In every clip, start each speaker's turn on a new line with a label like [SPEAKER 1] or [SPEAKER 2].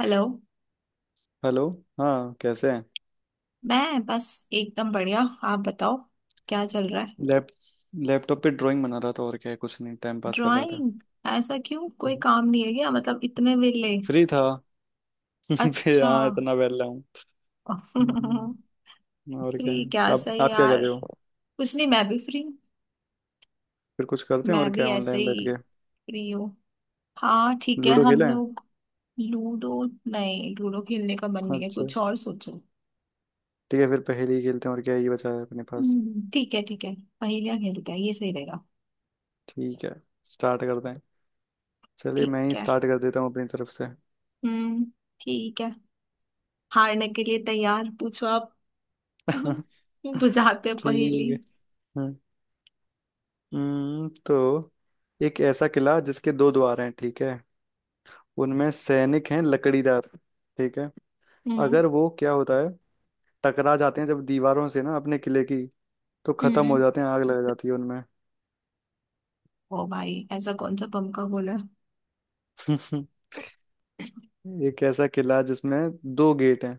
[SPEAKER 1] Hello.
[SPEAKER 2] Hello. हाँ कैसे हैं।
[SPEAKER 1] मैं बस एकदम बढ़िया। आप बताओ क्या चल रहा है।
[SPEAKER 2] लैप लैपटॉप पे ड्राइंग बना रहा था। और क्या है, कुछ नहीं टाइम पास कर रहा था।
[SPEAKER 1] ड्राइंग? ऐसा क्यों, कोई काम नहीं है क्या, मतलब इतने वेले?
[SPEAKER 2] फ्री था। फिर
[SPEAKER 1] अच्छा।
[SPEAKER 2] हाँ इतना बैठा हूँ। हम्म, और क्या
[SPEAKER 1] फ्री
[SPEAKER 2] है?
[SPEAKER 1] क्या
[SPEAKER 2] आप
[SPEAKER 1] सही है
[SPEAKER 2] आप क्या कर
[SPEAKER 1] यार।
[SPEAKER 2] रहे हो।
[SPEAKER 1] कुछ नहीं, मैं भी फ्री।
[SPEAKER 2] फिर कुछ करते हैं
[SPEAKER 1] मैं
[SPEAKER 2] और
[SPEAKER 1] भी
[SPEAKER 2] क्या,
[SPEAKER 1] ऐसे
[SPEAKER 2] ऑनलाइन बैठ
[SPEAKER 1] ही
[SPEAKER 2] के
[SPEAKER 1] फ्री हूँ। हाँ ठीक है,
[SPEAKER 2] लूडो
[SPEAKER 1] हम
[SPEAKER 2] खेलें।
[SPEAKER 1] लोग लूडो? नहीं, लूडो खेलने का मन नहीं है,
[SPEAKER 2] अच्छा
[SPEAKER 1] कुछ और सोचो।
[SPEAKER 2] ठीक है, फिर पहेली खेलते हैं और क्या है, ये बचा है अपने पास।
[SPEAKER 1] ठीक है ठीक है। पहेलियाँ खेलते हैं, ये सही रहेगा।
[SPEAKER 2] ठीक है, स्टार्ट करते हैं। चलिए मैं
[SPEAKER 1] ठीक
[SPEAKER 2] ही
[SPEAKER 1] है।
[SPEAKER 2] स्टार्ट कर देता हूँ अपनी तरफ से।
[SPEAKER 1] हम्म। ठीक है। हारने के लिए तैयार, पूछो आप। बुझाते
[SPEAKER 2] ठीक
[SPEAKER 1] पहेली।
[SPEAKER 2] है। हम्म, तो एक ऐसा किला जिसके दो द्वार हैं, ठीक है। उनमें सैनिक हैं लकड़ीदार, ठीक है।
[SPEAKER 1] हम्म।
[SPEAKER 2] अगर वो क्या होता है, टकरा जाते हैं जब दीवारों से ना अपने किले की, तो खत्म
[SPEAKER 1] हम्म।
[SPEAKER 2] हो जाते हैं, आग लग जाती है उनमें।
[SPEAKER 1] ओ भाई, ऐसा कौन सा बम का गोला है?
[SPEAKER 2] एक ऐसा किला है जिसमें दो गेट हैं,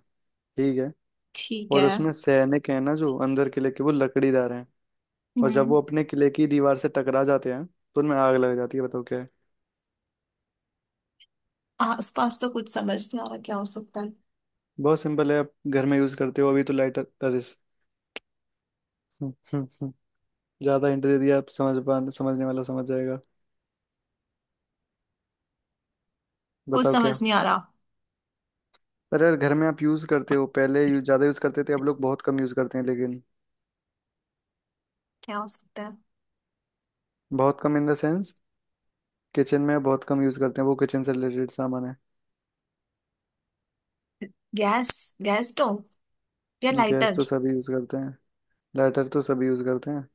[SPEAKER 2] ठीक है।
[SPEAKER 1] ठीक
[SPEAKER 2] और
[SPEAKER 1] है।
[SPEAKER 2] उसमें सैनिक हैं ना जो अंदर किले के, वो लकड़ीदार हैं। और जब
[SPEAKER 1] हम्म।
[SPEAKER 2] वो अपने किले की दीवार से टकरा जाते हैं तो उनमें आग लग जाती है, बताओ क्या है।
[SPEAKER 1] आसपास तो कुछ समझ नहीं आ रहा क्या हो सकता है।
[SPEAKER 2] बहुत सिंपल है, आप घर में यूज करते हो अभी तो, लाइटर अरे। ज्यादा हिंट दे दिया, आप समझ पा, समझने वाला समझ जाएगा।
[SPEAKER 1] कुछ
[SPEAKER 2] बताओ
[SPEAKER 1] समझ
[SPEAKER 2] क्या।
[SPEAKER 1] नहीं आ रहा
[SPEAKER 2] पर यार घर में आप यूज करते हो, पहले यूज ज्यादा यूज करते थे, अब लोग बहुत कम यूज करते हैं लेकिन
[SPEAKER 1] क्या हो सकता है।
[SPEAKER 2] बहुत कम इन द सेंस, किचन में बहुत कम यूज करते हैं, वो किचन से रिलेटेड सामान है।
[SPEAKER 1] गैस, गैस स्टोव, या
[SPEAKER 2] गैस
[SPEAKER 1] लाइटर।
[SPEAKER 2] तो सभी यूज करते हैं, लाइटर तो सभी यूज करते हैं।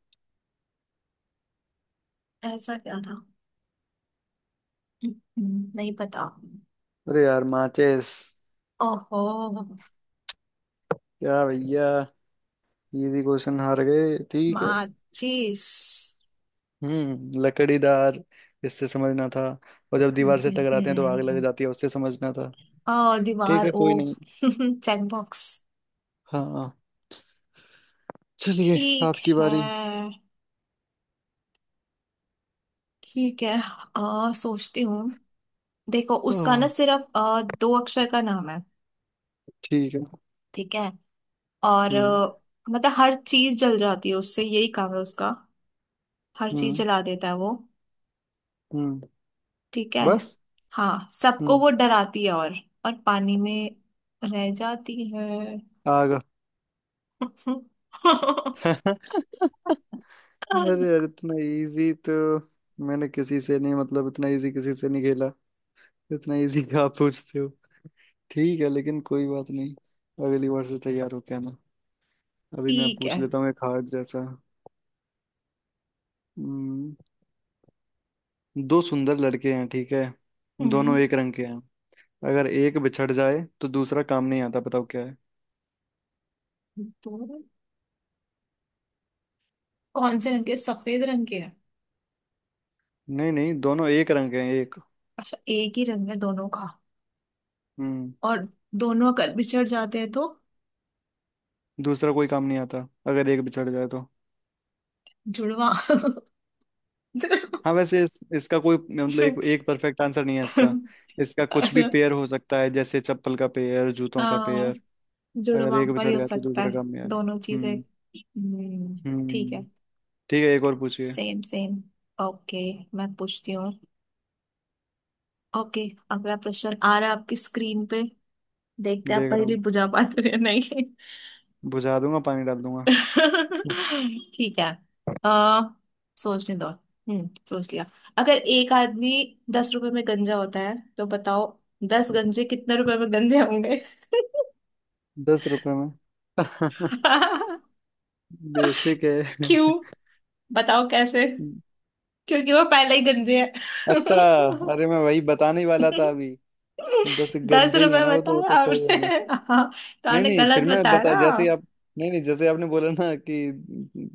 [SPEAKER 1] ऐसा क्या था। नहीं पता।
[SPEAKER 2] अरे यार माचिस।
[SPEAKER 1] ओहो।
[SPEAKER 2] क्या भैया, इजी क्वेश्चन हार गए, ठीक है।
[SPEAKER 1] माचिस।
[SPEAKER 2] लकड़ीदार इससे समझना था, और जब दीवार से
[SPEAKER 1] हम्म।
[SPEAKER 2] टकराते हैं तो आग लग जाती है उससे समझना था।
[SPEAKER 1] ओ,
[SPEAKER 2] ठीक
[SPEAKER 1] दीवार,
[SPEAKER 2] है
[SPEAKER 1] ओ।
[SPEAKER 2] कोई नहीं।
[SPEAKER 1] Check box.
[SPEAKER 2] हाँ चलिए,
[SPEAKER 1] ठीक
[SPEAKER 2] आपकी बारी।
[SPEAKER 1] है। ठीक है। सोचती हूँ। देखो उसका ना
[SPEAKER 2] हाँ
[SPEAKER 1] सिर्फ दो अक्षर का नाम है।
[SPEAKER 2] ठीक है।
[SPEAKER 1] ठीक है। और
[SPEAKER 2] हम्म
[SPEAKER 1] मतलब हर चीज जल जाती है उससे, यही काम है उसका। हर चीज
[SPEAKER 2] हम्म
[SPEAKER 1] जला देता है वो।
[SPEAKER 2] हम्म।
[SPEAKER 1] ठीक है।
[SPEAKER 2] बस।
[SPEAKER 1] हाँ, सबको
[SPEAKER 2] हम्म,
[SPEAKER 1] वो डराती है। और पानी में रह जाती है।
[SPEAKER 2] आ गया। अरे यार इतना इजी तो मैंने किसी से नहीं, मतलब इतना इजी किसी से नहीं खेला। इतना इजी क्या आप पूछते हो। ठीक है लेकिन कोई बात नहीं, अगली बार से तैयार होके आना। अभी मैं
[SPEAKER 1] ठीक
[SPEAKER 2] पूछ
[SPEAKER 1] है।
[SPEAKER 2] लेता हूँ एक हार्ड जैसा। हम्म, दो सुंदर लड़के हैं, ठीक है।
[SPEAKER 1] हम्म।
[SPEAKER 2] दोनों एक रंग के हैं, अगर एक बिछड़ जाए तो दूसरा काम नहीं आता, बताओ क्या है।
[SPEAKER 1] तो कौन से रंग के, सफेद रंग के है?
[SPEAKER 2] नहीं नहीं दोनों एक रंग के हैं एक।
[SPEAKER 1] अच्छा, एक ही रंग है दोनों का।
[SPEAKER 2] हम्म।
[SPEAKER 1] और दोनों अगर बिछड़ जाते हैं तो
[SPEAKER 2] दूसरा कोई काम नहीं आता अगर एक बिछड़ जाए तो।
[SPEAKER 1] जुड़वा।
[SPEAKER 2] हाँ वैसे इसका कोई मतलब, एक एक परफेक्ट आंसर नहीं है इसका।
[SPEAKER 1] जुड़-,
[SPEAKER 2] इसका कुछ भी पेयर हो सकता है, जैसे चप्पल का पेयर, जूतों का पेयर।
[SPEAKER 1] हाँ,
[SPEAKER 2] अगर एक
[SPEAKER 1] जुड़वापा ही
[SPEAKER 2] बिछड़
[SPEAKER 1] हो
[SPEAKER 2] जाए तो
[SPEAKER 1] सकता
[SPEAKER 2] दूसरा
[SPEAKER 1] है।
[SPEAKER 2] का पेयर।
[SPEAKER 1] दोनों चीजें।
[SPEAKER 2] हम्म।
[SPEAKER 1] हम्म। ठीक
[SPEAKER 2] हम्म।
[SPEAKER 1] है।
[SPEAKER 2] ठीक है, एक और पूछिए।
[SPEAKER 1] Same same. ओके, मैं पूछती हूँ। ओके, अगला प्रश्न आ रहा है आपकी स्क्रीन पे। देखते हैं आप
[SPEAKER 2] देख रहा
[SPEAKER 1] पहले
[SPEAKER 2] हूँ,
[SPEAKER 1] बुझा पाते हो या नहीं।
[SPEAKER 2] बुझा दूंगा पानी डाल दूंगा।
[SPEAKER 1] ठीक है। आ, सोचने दो। हम्म, सोच लिया। अगर एक आदमी दस रुपए में गंजा होता है तो बताओ दस गंजे कितने रुपए में गंजे होंगे।
[SPEAKER 2] दस रुपए में। बेसिक है।
[SPEAKER 1] क्यों? बताओ कैसे। क्योंकि वो पहले ही गंजे है।
[SPEAKER 2] अच्छा, अरे मैं वही बताने ही वाला
[SPEAKER 1] दस
[SPEAKER 2] था अभी। दस गंजे ही है
[SPEAKER 1] रुपए
[SPEAKER 2] ना वो तो, वो तो
[SPEAKER 1] बताया आपने।
[SPEAKER 2] खैर।
[SPEAKER 1] हाँ, तो
[SPEAKER 2] नहीं
[SPEAKER 1] आपने
[SPEAKER 2] नहीं फिर
[SPEAKER 1] गलत
[SPEAKER 2] मैं
[SPEAKER 1] बताया
[SPEAKER 2] बता,
[SPEAKER 1] ना।
[SPEAKER 2] जैसे ही आप, नहीं नहीं जैसे आपने बोला ना कि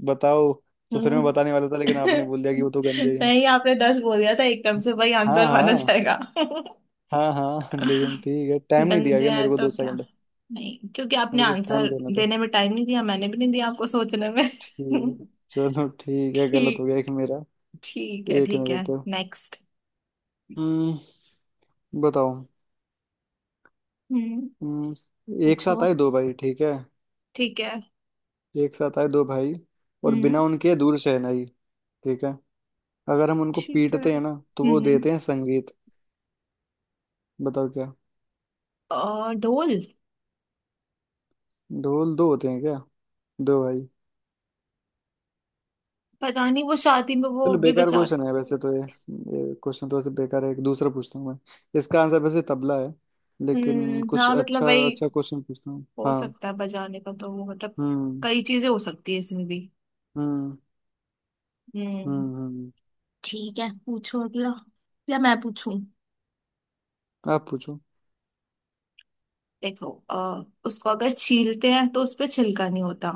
[SPEAKER 2] बताओ, तो फिर मैं
[SPEAKER 1] हम्म।
[SPEAKER 2] बताने वाला था लेकिन आपने बोल दिया कि वो तो गंदे हैं।
[SPEAKER 1] नहीं, आपने दस बोल दिया था एकदम से, वही
[SPEAKER 2] हाँ
[SPEAKER 1] आंसर माना
[SPEAKER 2] हाँ।
[SPEAKER 1] जाएगा।
[SPEAKER 2] हाँ हाँ लेकिन ठीक है, टाइम नहीं दिया
[SPEAKER 1] गंजे
[SPEAKER 2] गया
[SPEAKER 1] आए
[SPEAKER 2] मेरे को,
[SPEAKER 1] तो
[SPEAKER 2] दो
[SPEAKER 1] क्या।
[SPEAKER 2] सेकंड
[SPEAKER 1] नहीं, क्योंकि आपने
[SPEAKER 2] मेरे को टाइम
[SPEAKER 1] आंसर
[SPEAKER 2] देना था।
[SPEAKER 1] देने में टाइम नहीं दिया, मैंने भी नहीं दिया आपको सोचने में।
[SPEAKER 2] ठीक है चलो, ठीक है गलत हो गया एक
[SPEAKER 1] ठीक,
[SPEAKER 2] मेरा।
[SPEAKER 1] ठीक है
[SPEAKER 2] एक नहीं
[SPEAKER 1] ठीक है।
[SPEAKER 2] देते।
[SPEAKER 1] नेक्स्ट।
[SPEAKER 2] हम्म बताओ।
[SPEAKER 1] हम्म।
[SPEAKER 2] हम्म। एक साथ
[SPEAKER 1] पूछो।
[SPEAKER 2] आए दो भाई, ठीक है।
[SPEAKER 1] ठीक है।
[SPEAKER 2] एक साथ आए दो भाई, और
[SPEAKER 1] हम्म।
[SPEAKER 2] बिना उनके दूर से है नहीं, ठीक है। अगर हम उनको
[SPEAKER 1] ठीक है।
[SPEAKER 2] पीटते हैं ना तो वो
[SPEAKER 1] हम्म।
[SPEAKER 2] देते हैं संगीत, बताओ क्या।
[SPEAKER 1] ढोल।
[SPEAKER 2] ढोल दो होते हैं क्या, दो भाई।
[SPEAKER 1] पता नहीं, वो शादी में वो
[SPEAKER 2] चलो
[SPEAKER 1] भी
[SPEAKER 2] बेकार क्वेश्चन
[SPEAKER 1] बजाते।
[SPEAKER 2] है वैसे तो, ये क्वेश्चन तो वैसे बेकार है, एक दूसरा पूछता हूँ मैं। इसका आंसर वैसे तबला है, लेकिन
[SPEAKER 1] हम्म,
[SPEAKER 2] कुछ
[SPEAKER 1] हाँ मतलब
[SPEAKER 2] अच्छा
[SPEAKER 1] वही
[SPEAKER 2] अच्छा क्वेश्चन पूछता हूँ
[SPEAKER 1] हो
[SPEAKER 2] हाँ।
[SPEAKER 1] सकता है, बजाने का तो वो मतलब
[SPEAKER 2] हम्म
[SPEAKER 1] कई चीजें हो सकती है इसमें भी।
[SPEAKER 2] हम्म
[SPEAKER 1] हम्म।
[SPEAKER 2] हम्म हम्म
[SPEAKER 1] ठीक है, पूछो अगला, या मैं पूछूं?
[SPEAKER 2] आप पूछो।
[SPEAKER 1] देखो उसको अगर छीलते हैं तो उसपे छिलका नहीं होता।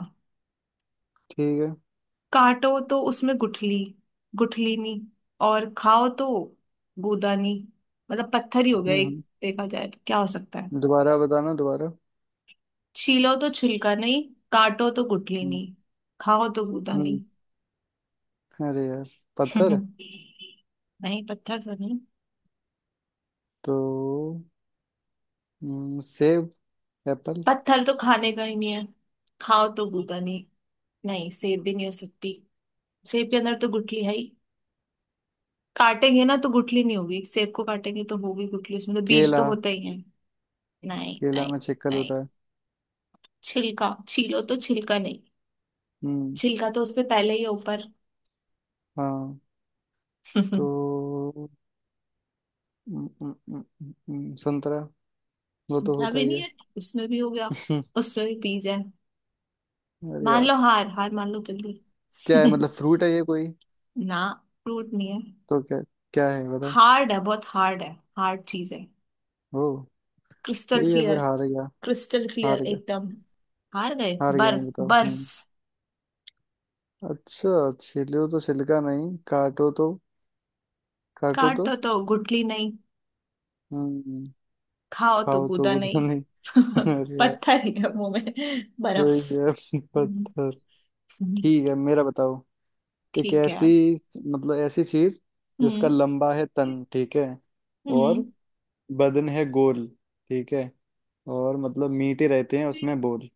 [SPEAKER 2] ठीक है।
[SPEAKER 1] काटो तो उसमें गुठली, गुठली नहीं। और खाओ तो गूदा नहीं। मतलब पत्थर ही हो गया
[SPEAKER 2] हम्म
[SPEAKER 1] एक,
[SPEAKER 2] हम्म।
[SPEAKER 1] देखा जाए तो क्या हो सकता है।
[SPEAKER 2] दोबारा बताना दोबारा।
[SPEAKER 1] छीलो तो छिलका नहीं, काटो तो गुठली
[SPEAKER 2] हम्म
[SPEAKER 1] नहीं, खाओ तो गूदा
[SPEAKER 2] हम्म।
[SPEAKER 1] नहीं।
[SPEAKER 2] अरे यार, पत्थर।
[SPEAKER 1] नहीं पत्थर तो नहीं।
[SPEAKER 2] तो सेब, एप्पल,
[SPEAKER 1] पत्थर तो खाने का ही नहीं है। खाओ तो गूदा नहीं। नहीं, सेब भी नहीं हो सकती। सेब के अंदर तो गुठली है ही, काटेंगे ना तो गुठली नहीं होगी, सेब को काटेंगे तो होगी गुठली, उसमें तो बीज
[SPEAKER 2] केला।
[SPEAKER 1] तो होते ही है। नहीं
[SPEAKER 2] केला
[SPEAKER 1] नहीं
[SPEAKER 2] में छिक्कल
[SPEAKER 1] नहीं,
[SPEAKER 2] होता है।
[SPEAKER 1] छिलका छीलो तो छिलका नहीं।
[SPEAKER 2] हम्म
[SPEAKER 1] छिलका तो उसपे पहले ही है ऊपर।
[SPEAKER 2] हाँ, तो हम्म, हम्म, हम्म, संतरा। वो तो
[SPEAKER 1] छिलका
[SPEAKER 2] होता
[SPEAKER 1] भी
[SPEAKER 2] ही
[SPEAKER 1] नहीं
[SPEAKER 2] है।
[SPEAKER 1] है। उसमें भी हो गया।
[SPEAKER 2] हम्म,
[SPEAKER 1] उसमें भी बीज है।
[SPEAKER 2] अरे
[SPEAKER 1] मान
[SPEAKER 2] यार,
[SPEAKER 1] लो, हार हार मान लो जल्दी।
[SPEAKER 2] क्या है, मतलब फ्रूट है ये कोई।
[SPEAKER 1] ना, फ्रूट नहीं है।
[SPEAKER 2] तो क्या, क्या है बताओ।
[SPEAKER 1] हार्ड है, बहुत हार्ड है। हार्ड चीज है।
[SPEAKER 2] ओ
[SPEAKER 1] क्रिस्टल
[SPEAKER 2] ठीक है, फिर
[SPEAKER 1] क्लियर।
[SPEAKER 2] हार गया,
[SPEAKER 1] क्रिस्टल क्लियर
[SPEAKER 2] हार गया।
[SPEAKER 1] एकदम। हार गए।
[SPEAKER 2] हार गया मैं,
[SPEAKER 1] बर्फ।
[SPEAKER 2] बताओ
[SPEAKER 1] बर्फ।
[SPEAKER 2] हम्म। अच्छा, छिलो तो छिलका नहीं, काटो तो, काटो तो।
[SPEAKER 1] काटो तो गुठली नहीं,
[SPEAKER 2] हम्म।
[SPEAKER 1] खाओ तो
[SPEAKER 2] खाओ तो
[SPEAKER 1] गूदा
[SPEAKER 2] गुदा
[SPEAKER 1] नहीं।
[SPEAKER 2] नहीं। अरे यार,
[SPEAKER 1] पत्थर ही है मुंह में,
[SPEAKER 2] तो
[SPEAKER 1] बर्फ।
[SPEAKER 2] ये
[SPEAKER 1] हम्म,
[SPEAKER 2] पत्थर। ठीक है मेरा बताओ। एक
[SPEAKER 1] ठीक है।
[SPEAKER 2] ऐसी, मतलब ऐसी चीज, जिसका
[SPEAKER 1] हम्म।
[SPEAKER 2] लंबा है तन, ठीक है। और
[SPEAKER 1] हम्म।
[SPEAKER 2] बदन है गोल, ठीक है। और मतलब मीठे रहते हैं उसमें बोल।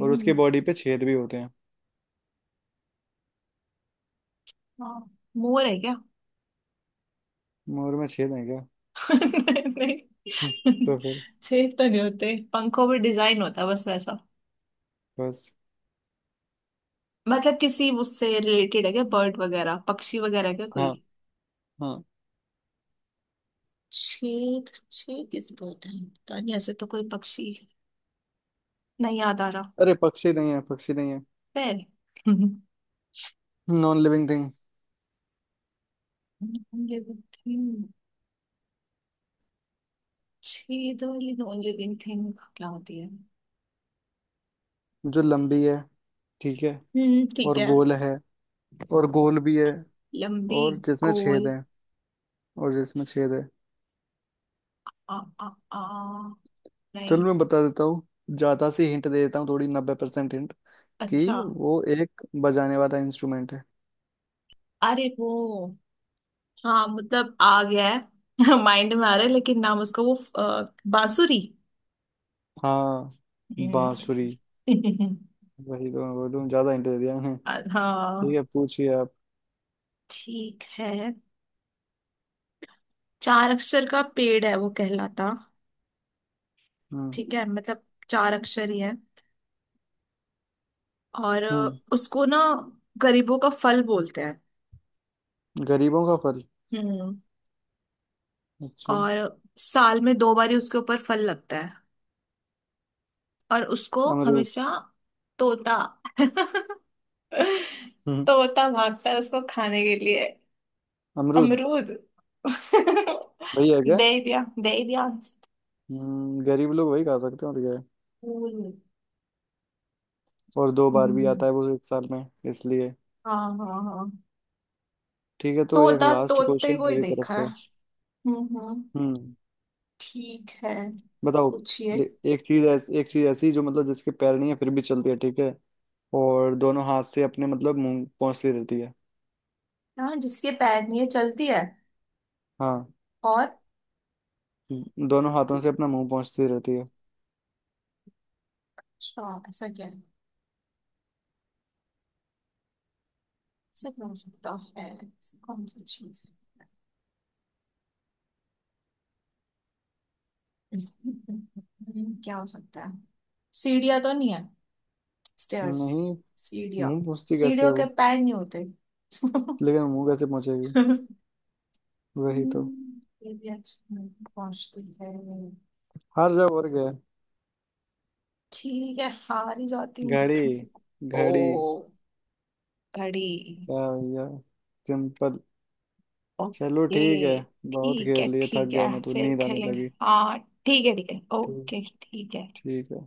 [SPEAKER 2] और उसकी बॉडी पे छेद भी होते हैं।
[SPEAKER 1] हाँ। मोर है क्या?
[SPEAKER 2] मोर में छेद है क्या।
[SPEAKER 1] नहीं,
[SPEAKER 2] हम्म, तो फिर
[SPEAKER 1] छेद तो नहीं होते, पंखों पे डिजाइन होता है बस वैसा।
[SPEAKER 2] बस।
[SPEAKER 1] मतलब किसी उससे रिलेटेड है क्या, बर्ड वगैरह, पक्षी वगैरह क्या कोई?
[SPEAKER 2] हाँ हाँ।
[SPEAKER 1] छींक छींक किस पर होता है पता नहीं, ऐसे तो कोई पक्षी नहीं याद आ रहा।
[SPEAKER 2] अरे पक्षी नहीं है, पक्षी नहीं है,
[SPEAKER 1] पैर?
[SPEAKER 2] Non living thing.
[SPEAKER 1] Living thing? छेद वाली नॉन लिविंग थिंग क्या होती है?
[SPEAKER 2] जो लंबी है, ठीक है,
[SPEAKER 1] हम्म, ठीक
[SPEAKER 2] और
[SPEAKER 1] है।
[SPEAKER 2] गोल है, और गोल भी है,
[SPEAKER 1] लंबी,
[SPEAKER 2] और जिसमें छेद
[SPEAKER 1] गोल।
[SPEAKER 2] है, और जिसमें छेद है।
[SPEAKER 1] आ आ आ
[SPEAKER 2] चलो
[SPEAKER 1] नहीं।
[SPEAKER 2] मैं बता देता हूँ, ज्यादा सी हिंट दे देता हूँ थोड़ी, 90% हिंट, कि
[SPEAKER 1] अच्छा।
[SPEAKER 2] वो एक बजाने वाला इंस्ट्रूमेंट है।
[SPEAKER 1] अरे वो, हाँ मतलब आ गया है, माइंड में आ रहा है लेकिन नाम उसका वो बांसुरी।
[SPEAKER 2] हाँ बांसुरी,
[SPEAKER 1] हम्म।
[SPEAKER 2] वही तो, मैं बोलूँ ज्यादा हिंट दे दिया मैंने।
[SPEAKER 1] हाँ।
[SPEAKER 2] ठीक है पूछिए आप।
[SPEAKER 1] ठीक है। चार अक्षर का पेड़ है वो कहलाता।
[SPEAKER 2] हम्म
[SPEAKER 1] ठीक है, मतलब चार अक्षर ही है। और
[SPEAKER 2] हम्म
[SPEAKER 1] उसको ना गरीबों का फल बोलते हैं।
[SPEAKER 2] गरीबों का फल।
[SPEAKER 1] हम्म।
[SPEAKER 2] अच्छा,
[SPEAKER 1] और साल में दो बार ही उसके ऊपर फल लगता है। और उसको
[SPEAKER 2] अमरूद।
[SPEAKER 1] हमेशा तोता,
[SPEAKER 2] हम्म,
[SPEAKER 1] तोता भागता है उसको खाने के लिए।
[SPEAKER 2] अमरूद।
[SPEAKER 1] अमरूद।
[SPEAKER 2] वही है क्या।
[SPEAKER 1] दे ही दिया, दे ही दिया।
[SPEAKER 2] गरीब लोग वही खा सकते हैं और क्या है।
[SPEAKER 1] हम्म,
[SPEAKER 2] और दो बार भी आता है वो एक साल में, इसलिए।
[SPEAKER 1] हाँ हाँ हाँ।
[SPEAKER 2] ठीक है तो एक
[SPEAKER 1] तोता,
[SPEAKER 2] लास्ट
[SPEAKER 1] तोते
[SPEAKER 2] क्वेश्चन
[SPEAKER 1] को ही
[SPEAKER 2] मेरी तरफ
[SPEAKER 1] देखा है।
[SPEAKER 2] से।
[SPEAKER 1] हम्म।
[SPEAKER 2] हम्म
[SPEAKER 1] ठीक है।
[SPEAKER 2] बताओ।
[SPEAKER 1] पूछिए।
[SPEAKER 2] ले- एक चीज ऐसी जो, मतलब जिसके पैर नहीं है फिर भी चलती है, ठीक है। और दोनों हाथ से अपने मतलब मुंह पहुंचती रहती है।
[SPEAKER 1] हाँ जिसके पैर नहीं है, चलती है।
[SPEAKER 2] हाँ
[SPEAKER 1] और
[SPEAKER 2] दोनों हाथों से अपना मुंह पहुंचती रहती है।
[SPEAKER 1] अच्छा, ऐसा क्या है? ऐसा क्या हो सकता है? ऐसी कौन सी चीज है? क्या हो सकता है? सीढ़ियाँ तो नहीं है, स्टेयर्स,
[SPEAKER 2] नहीं।
[SPEAKER 1] सीढ़ियाँ?
[SPEAKER 2] मुंह पहुंचती कैसे
[SPEAKER 1] सीढ़ियों
[SPEAKER 2] है
[SPEAKER 1] के
[SPEAKER 2] वो,
[SPEAKER 1] पैर नहीं होते।
[SPEAKER 2] लेकिन मुंह कैसे पहुंचेगी, वही तो।
[SPEAKER 1] ये भी अच्छा, नहीं पहुंचती है।
[SPEAKER 2] हार जाओ और क्या है?
[SPEAKER 1] ठीक है, हार ही जाती हूँ।
[SPEAKER 2] घड़ी।
[SPEAKER 1] ओ,
[SPEAKER 2] घड़ी,
[SPEAKER 1] घड़ी।
[SPEAKER 2] क्या भैया, सिंपल। चलो ठीक है।
[SPEAKER 1] ओके
[SPEAKER 2] बहुत
[SPEAKER 1] ठीक है,
[SPEAKER 2] खेल लिए, थक
[SPEAKER 1] ठीक
[SPEAKER 2] गया
[SPEAKER 1] है
[SPEAKER 2] मैं, तो
[SPEAKER 1] फिर
[SPEAKER 2] नींद आने
[SPEAKER 1] खेलेंगे।
[SPEAKER 2] लगी।
[SPEAKER 1] हाँ ठीक है ठीक है,
[SPEAKER 2] ठीक
[SPEAKER 1] ओके, ठीक है।
[SPEAKER 2] ठीक है।